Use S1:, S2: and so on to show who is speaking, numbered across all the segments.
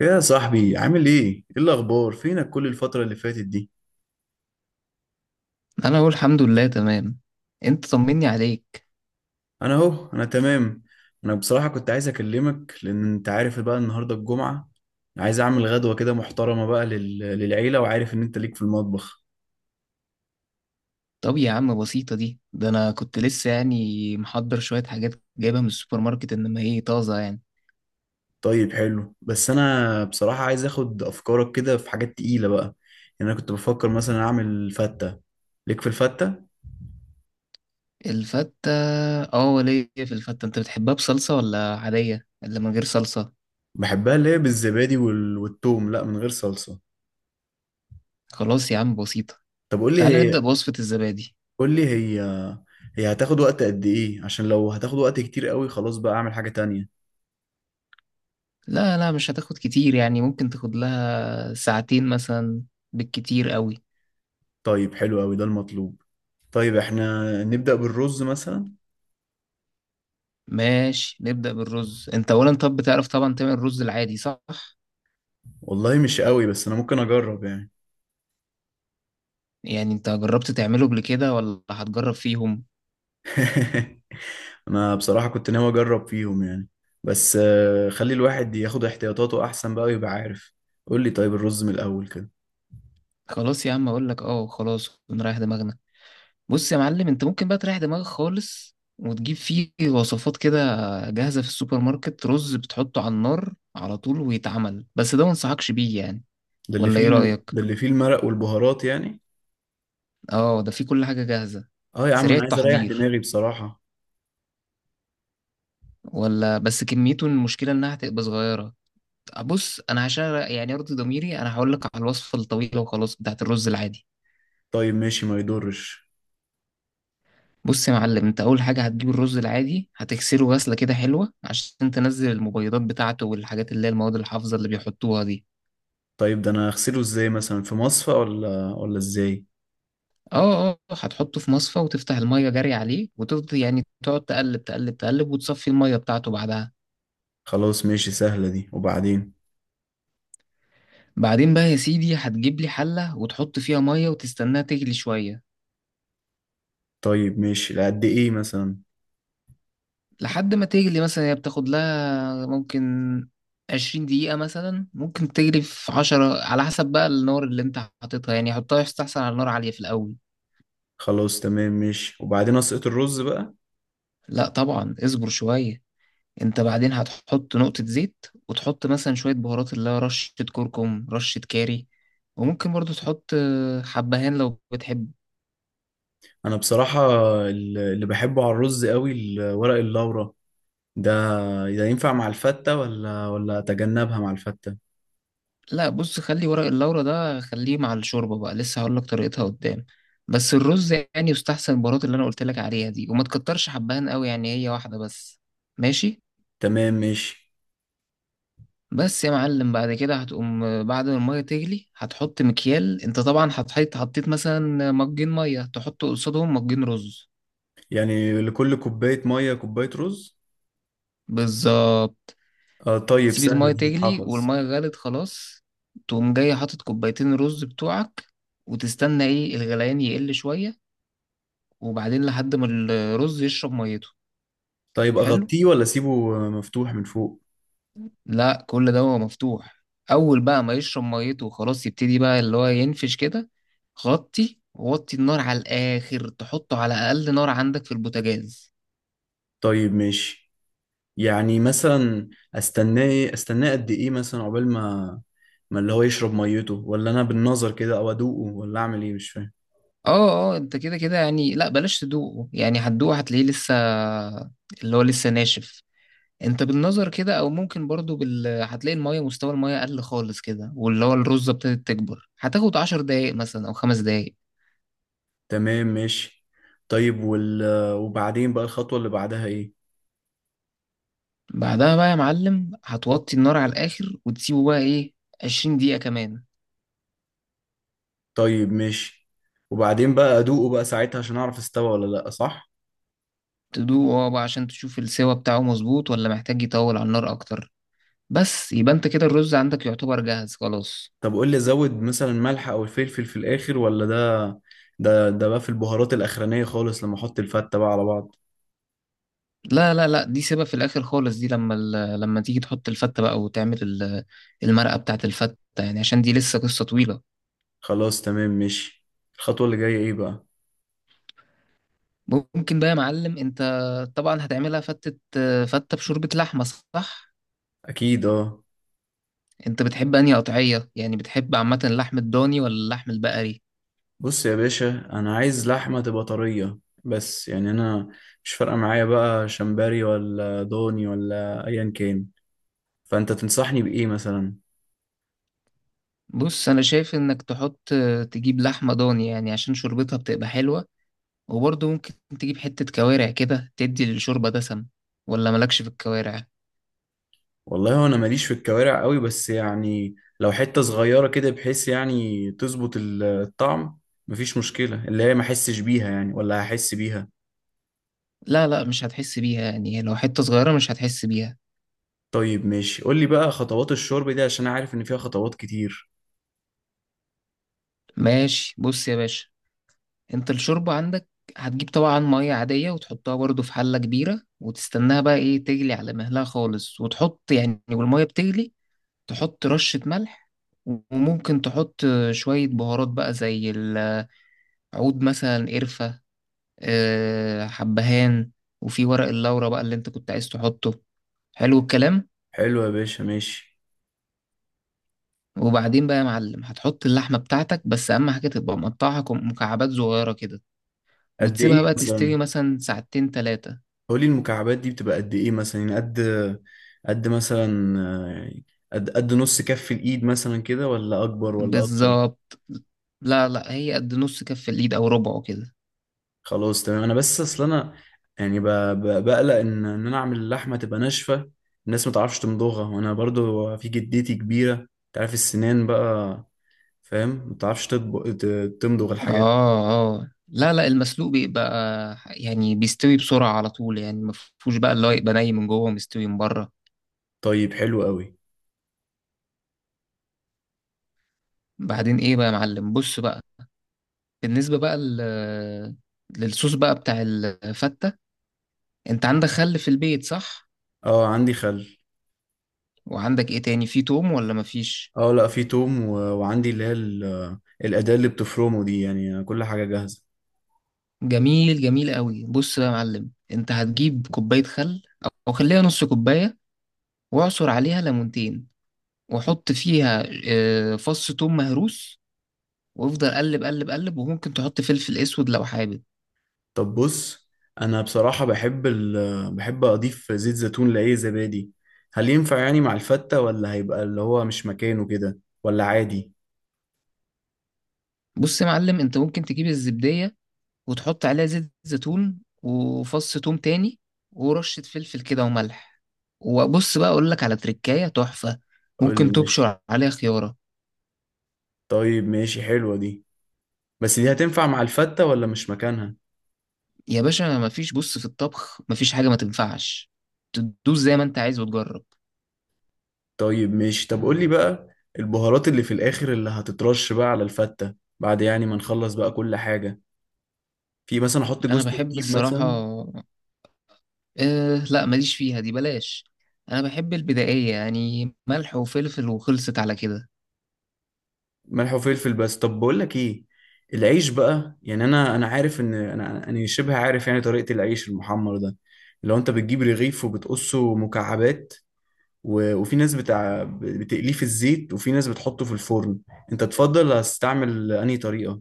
S1: يا صاحبي عامل ايه؟ ايه الاخبار؟ فينك كل الفترة اللي فاتت دي؟
S2: انا اقول الحمد لله تمام. انت طمني عليك.
S1: انا اهو تمام. انا بصراحة كنت عايز اكلمك لان انت عارف بقى النهاردة الجمعة. عايز اعمل غدوة كده محترمة بقى للعيلة، وعارف ان انت ليك في المطبخ.
S2: طب يا عم بسيطة دي، ده انا كنت لسه يعني محضر شوية حاجات جايبها من السوبر ماركت، انما هي طازة يعني.
S1: طيب حلو، بس انا بصراحة عايز اخد افكارك كده في حاجات تقيلة بقى. يعني انا كنت بفكر مثلا اعمل فتة. ليك في الفتة؟
S2: الفتة؟ اه وليه، في الفتة انت بتحبها بصلصة ولا عادية اللي من غير صلصة؟
S1: بحبها اللي هي بالزبادي والثوم، لا من غير صلصة.
S2: خلاص يا عم بسيطة.
S1: طب قول لي
S2: تعالى نبدأ
S1: هي،
S2: بوصفة الزبادي.
S1: قول لي هي، هي هتاخد وقت قد ايه؟ عشان لو هتاخد وقت كتير قوي خلاص بقى اعمل حاجة تانية.
S2: لا لا مش هتاخد كتير، يعني ممكن تاخد لها ساعتين مثلا بالكتير قوي.
S1: طيب حلو قوي، ده المطلوب. طيب احنا نبدأ بالرز مثلا.
S2: ماشي، نبدأ بالرز. انت اولا طب بتعرف طبعا تعمل الرز العادي صح؟
S1: والله مش قوي، بس انا ممكن اجرب يعني.
S2: يعني انت جربت تعمله قبل كده ولا هتجرب فيهم؟
S1: انا بصراحة كنت ناوي اجرب فيهم يعني. بس خلي الواحد ياخد احتياطاته احسن بقى ويبقى عارف. قول لي طيب الرز من الاول كده.
S2: خلاص يا عم اقول لك، اه خلاص ونريح دماغنا. بص يا معلم، انت ممكن بقى تريح دماغك خالص وتجيب فيه وصفات كده جاهزة في السوبر ماركت، رز بتحطه على النار على طول ويتعمل، بس ده ما انصحكش بيه يعني. ولا ايه رأيك؟
S1: ده اللي فيه المرق والبهارات يعني.
S2: اه ده فيه كل حاجة جاهزة،
S1: اه يا عم،
S2: سريع
S1: انا عايز اريح
S2: التحضير،
S1: دماغي بصراحة.
S2: ولا بس كميته المشكلة انها هتبقى صغيرة. بص انا عشان يعني ارضي ضميري انا هقول لك على الوصفة الطويلة وخلاص بتاعت الرز العادي.
S1: طيب ماشي، ما يضرش.
S2: بص يا معلم، انت اول حاجه هتجيب الرز العادي، هتغسله غسله كده حلوه عشان تنزل المبيضات بتاعته والحاجات اللي هي المواد الحافظه اللي بيحطوها دي.
S1: طيب ده انا اغسله ازاي؟ مثلا في مصفى ولا ازاي؟
S2: اه اه، هتحطه في مصفى وتفتح الميه جري عليه وتفضل يعني تقعد تقلب تقلب تقلب وتصفي الميه بتاعته بعدها.
S1: خلاص ماشي، سهلة دي. وبعدين؟
S2: بعدين بقى يا سيدي هتجيب لي حله وتحط فيها ميه وتستناها تغلي شويه.
S1: طيب ماشي، لقد ايه مثلا؟
S2: لحد ما تغلي، مثلا هي بتاخد لها ممكن 20 دقيقة، مثلا ممكن تجري في 10 على حسب بقى النار اللي انت حاططها، يعني حطها يستحسن على نار عالية في الأول.
S1: خلاص تمام ماشي، وبعدين اسقط الرز بقى.
S2: لا طبعا اصبر شوية. انت بعدين هتحط نقطة زيت وتحط مثلا شوية بهارات اللي هي رشة كركم رشة كاري، وممكن برضو تحط حبهان لو بتحب.
S1: انا بصراحة اللي بحبه على الرز قوي ورق اللورا ده. ده ينفع مع الفتة ولا اتجنبها مع الفتة؟
S2: لا بص، خلي ورق اللورا ده خليه مع الشوربة بقى، لسه هقولك طريقتها قدام. بس الرز يعني يستحسن البهارات اللي انا قلتلك عليها دي، وما تكترش حبهان قوي، يعني هي واحدة بس. ماشي.
S1: تمام ماشي.
S2: بس يا معلم بعد كده هتقوم، بعد ما المية تغلي هتحط مكيال، انت طبعا هتحط حطيت مثلا مجين مية تحط قصادهم مجين رز.
S1: يعني لكل كوباية مية كوباية رز؟
S2: بالظبط.
S1: آه طيب،
S2: تسيب
S1: سهلة
S2: المية
S1: دي
S2: تغلي،
S1: تتحفظ.
S2: والمية غلت خلاص تقوم جاي حاطط كوبايتين رز بتوعك، وتستنى ايه الغليان يقل شوية، وبعدين لحد ما الرز يشرب ميته.
S1: طيب
S2: حلو.
S1: اغطيه ولا اسيبه مفتوح من فوق؟
S2: لا كل ده هو مفتوح. اول بقى ما يشرب ميته وخلاص يبتدي بقى اللي هو ينفش كده، غطي ووطي النار على الاخر، تحطه على اقل نار عندك في البوتاجاز.
S1: طيب ماشي. يعني مثلا، استناه إيه؟ استناه قد ايه مثلا؟ عقبال ما، ما اللي هو يشرب ميته، ولا انا بالنظر كده او ادوقه؟ ولا اعمل ايه؟ مش فاهم.
S2: اه اه، انت كده كده يعني، لا بلاش تدوقه يعني، هتدوقه هتلاقيه لسه اللي هو لسه ناشف. انت بالنظر كده، او ممكن برضو هتلاقي المية، مستوى المية قل خالص كده، واللي هو الرزة ابتدت تكبر، هتاخد عشر دقايق مثلا او خمس دقايق.
S1: تمام ماشي. طيب وال وبعدين بقى الخطوة اللي بعدها ايه؟
S2: بعدها بقى يا معلم هتوطي النار على الاخر وتسيبه بقى ايه، عشرين دقيقة كمان.
S1: طيب ماشي. وبعدين بقى ادوقه بقى ساعتها عشان اعرف استوى ولا لا، صح؟
S2: تدوقه اه بقى عشان تشوف السوا بتاعه مظبوط ولا محتاج يطول على النار اكتر، بس يبقى انت كده الرز عندك يعتبر جاهز خلاص.
S1: طب قول لي، ازود مثلا ملح او الفلفل في الاخر؟ ولا ده، ده بقى في البهارات الاخرانية خالص لما احط الفتة بقى على بعض.
S2: لا لا لا، دي سيبها في الاخر خالص، دي لما لما تيجي تحط الفتة بقى وتعمل المرقة بتاعت الفتة يعني، عشان دي لسه قصة طويلة.
S1: خلاص تمام ماشي. الخطوة اللي جاية ايه بقى؟
S2: ممكن بقى يا معلم انت طبعا هتعملها فتة، فتة بشوربة لحمة صح؟
S1: اكيد اه.
S2: انت بتحب انهي قطعية؟ يعني بتحب عامة اللحم الضاني ولا اللحم البقري؟
S1: بص يا باشا، انا عايز لحمه تبقى طريه. بس يعني انا مش فارقه معايا بقى شمبري ولا ضاني ولا ايا كان. فانت تنصحني بايه مثلا؟
S2: بص انا شايف انك تحط، تجيب لحمة ضاني يعني عشان شوربتها بتبقى حلوة، وبرضه ممكن تجيب حتة كوارع كده تدي للشوربة دسم. ولا مالكش في الكوارع؟
S1: والله هو انا ماليش في الكوارع قوي، بس يعني لو حته صغيره كده بحيث يعني تظبط الطعم، مفيش مشكله، اللي هي ما احسش بيها يعني، ولا هحس بيها.
S2: لا لا مش هتحس بيها، يعني لو حتة صغيرة مش هتحس بيها.
S1: طيب ماشي، قول لي بقى خطوات الشرب دي عشان أنا عارف ان فيها خطوات كتير.
S2: ماشي. بص يا باشا، انت الشوربة عندك هتجيب طبعا مية عادية وتحطها برضو في حلة كبيرة وتستناها بقى ايه تغلي على مهلها خالص، وتحط يعني والمية بتغلي تحط رشة ملح، وممكن تحط شوية بهارات بقى زي العود، مثلا قرفة، حبهان، وفي ورق اللورة بقى اللي انت كنت عايز تحطه. حلو الكلام.
S1: حلو يا باشا ماشي.
S2: وبعدين بقى يا معلم هتحط اللحمة بتاعتك، بس أهم حاجة تبقى مقطعها مكعبات صغيرة كده،
S1: قد ايه
S2: وتسيبها بقى تستوي
S1: مثلا؟
S2: مثلا ساعتين تلاتة.
S1: قولي المكعبات دي بتبقى قد ايه مثلا؟ يعني قد، قد مثلا قد، قد نص كف الايد مثلا كده، ولا اكبر ولا اصغر؟
S2: بالظبط. لا لا هي قد نص كف اليد او ربعه كده.
S1: خلاص تمام. انا بس اصل انا يعني بقلق ان انا اعمل اللحمه تبقى ناشفه، الناس ما تعرفش تمضغها، وانا برضو في جدتي كبيره، انت عارف السنان بقى، فاهم؟ ما تعرفش تمضغ الحاجات.
S2: اه اه، لا لا المسلوق بيبقى يعني بيستوي بسرعة على طول، يعني مفهوش بقى اللي هو يبقى ني من جوه ومستوي من بره.
S1: طيب حلو قوي.
S2: بعدين ايه بقى يا معلم، بص بقى، بالنسبة بقى للصوص بقى بتاع الفتة، انت عندك خل في البيت صح؟
S1: اه عندي خل.
S2: وعندك ايه تاني، في توم ولا مفيش؟
S1: اه لا، في توم، وعندي اللي هي الاداه اللي بتفرمه دي، يعني كل حاجه جاهزه.
S2: جميل جميل قوي. بص بقى يا معلم، انت هتجيب كوباية خل، او خليها نص كوباية، واعصر عليها ليمونتين، واحط فيها فص توم مهروس، وافضل قلب قلب قلب، وممكن تحط فلفل اسود لو حابب.
S1: طب بص، انا بصراحة بحب بحب اضيف زيت زيتون لاي زبادي. هل ينفع يعني مع الفتة، ولا هيبقى اللي هو مش مكانه كده، ولا عادي؟
S2: بص يا معلم انت ممكن تجيب الزبدية وتحط عليها زيت زيتون وفص توم تاني ورشة فلفل كده وملح، وبص بقى اقول لك على تركاية تحفة،
S1: قول لي
S2: ممكن
S1: ماشي.
S2: تبشر عليها خيارة.
S1: طيب ماشي، حلوة دي. بس دي هتنفع مع الفتة ولا مش مكانها؟
S2: يا باشا مفيش، بص في الطبخ مفيش حاجة ما تنفعش، تدوس زي ما انت عايز وتجرب.
S1: طيب ماشي. طب قول لي بقى البهارات اللي في الاخر اللي هتترش بقى على الفتة بعد يعني ما نخلص بقى كل حاجة، في مثلا احط
S2: انا
S1: جوز
S2: بحب
S1: الطيب
S2: الصراحة،
S1: مثلا؟
S2: أه لا ماليش فيها دي بلاش. انا بحب البدائيه، يعني ملح وفلفل وخلصت على كده.
S1: ملح وفلفل بس؟ طب بقول لك ايه، العيش بقى، يعني انا عارف ان انا شبه عارف يعني طريقة العيش المحمر ده، لو انت بتجيب رغيف وبتقصه مكعبات، وفي ناس بتاع بتقليه في الزيت، وفي ناس بتحطه في الفرن. انت تفضل هتستعمل انهي طريقة؟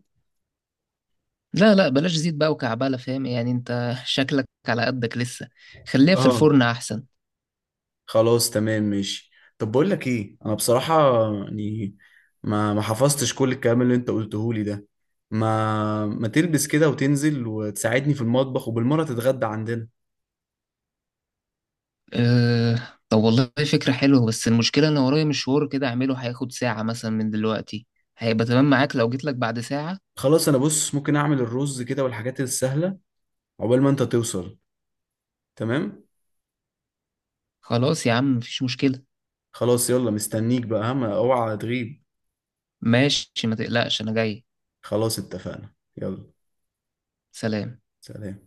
S2: لا لا بلاش زيت بقى وكعبله، فاهم يعني انت شكلك على قدك لسه. خليها في
S1: اه
S2: الفرن احسن.
S1: خلاص تمام ماشي. طب بقول لك ايه، انا بصراحة يعني ما حفظتش كل الكلام اللي انت قلته لي ده، ما تلبس كده وتنزل وتساعدني في المطبخ، وبالمرة تتغدى عندنا؟
S2: أه طب والله فكره حلوه، بس المشكله ان ورايا مشوار كده اعمله هياخد ساعه مثلا من دلوقتي، هيبقى تمام معاك لو جيت لك بعد ساعه؟
S1: خلاص انا، بص، ممكن اعمل الرز كده والحاجات السهله عقبال ما انت توصل. تمام.
S2: خلاص يا عم مفيش مشكله.
S1: خلاص يلا، مستنيك بقى، ها، ما اوعى تغيب.
S2: ماشي ما تقلقش انا جاي.
S1: خلاص اتفقنا، يلا.
S2: سلام.
S1: سلام.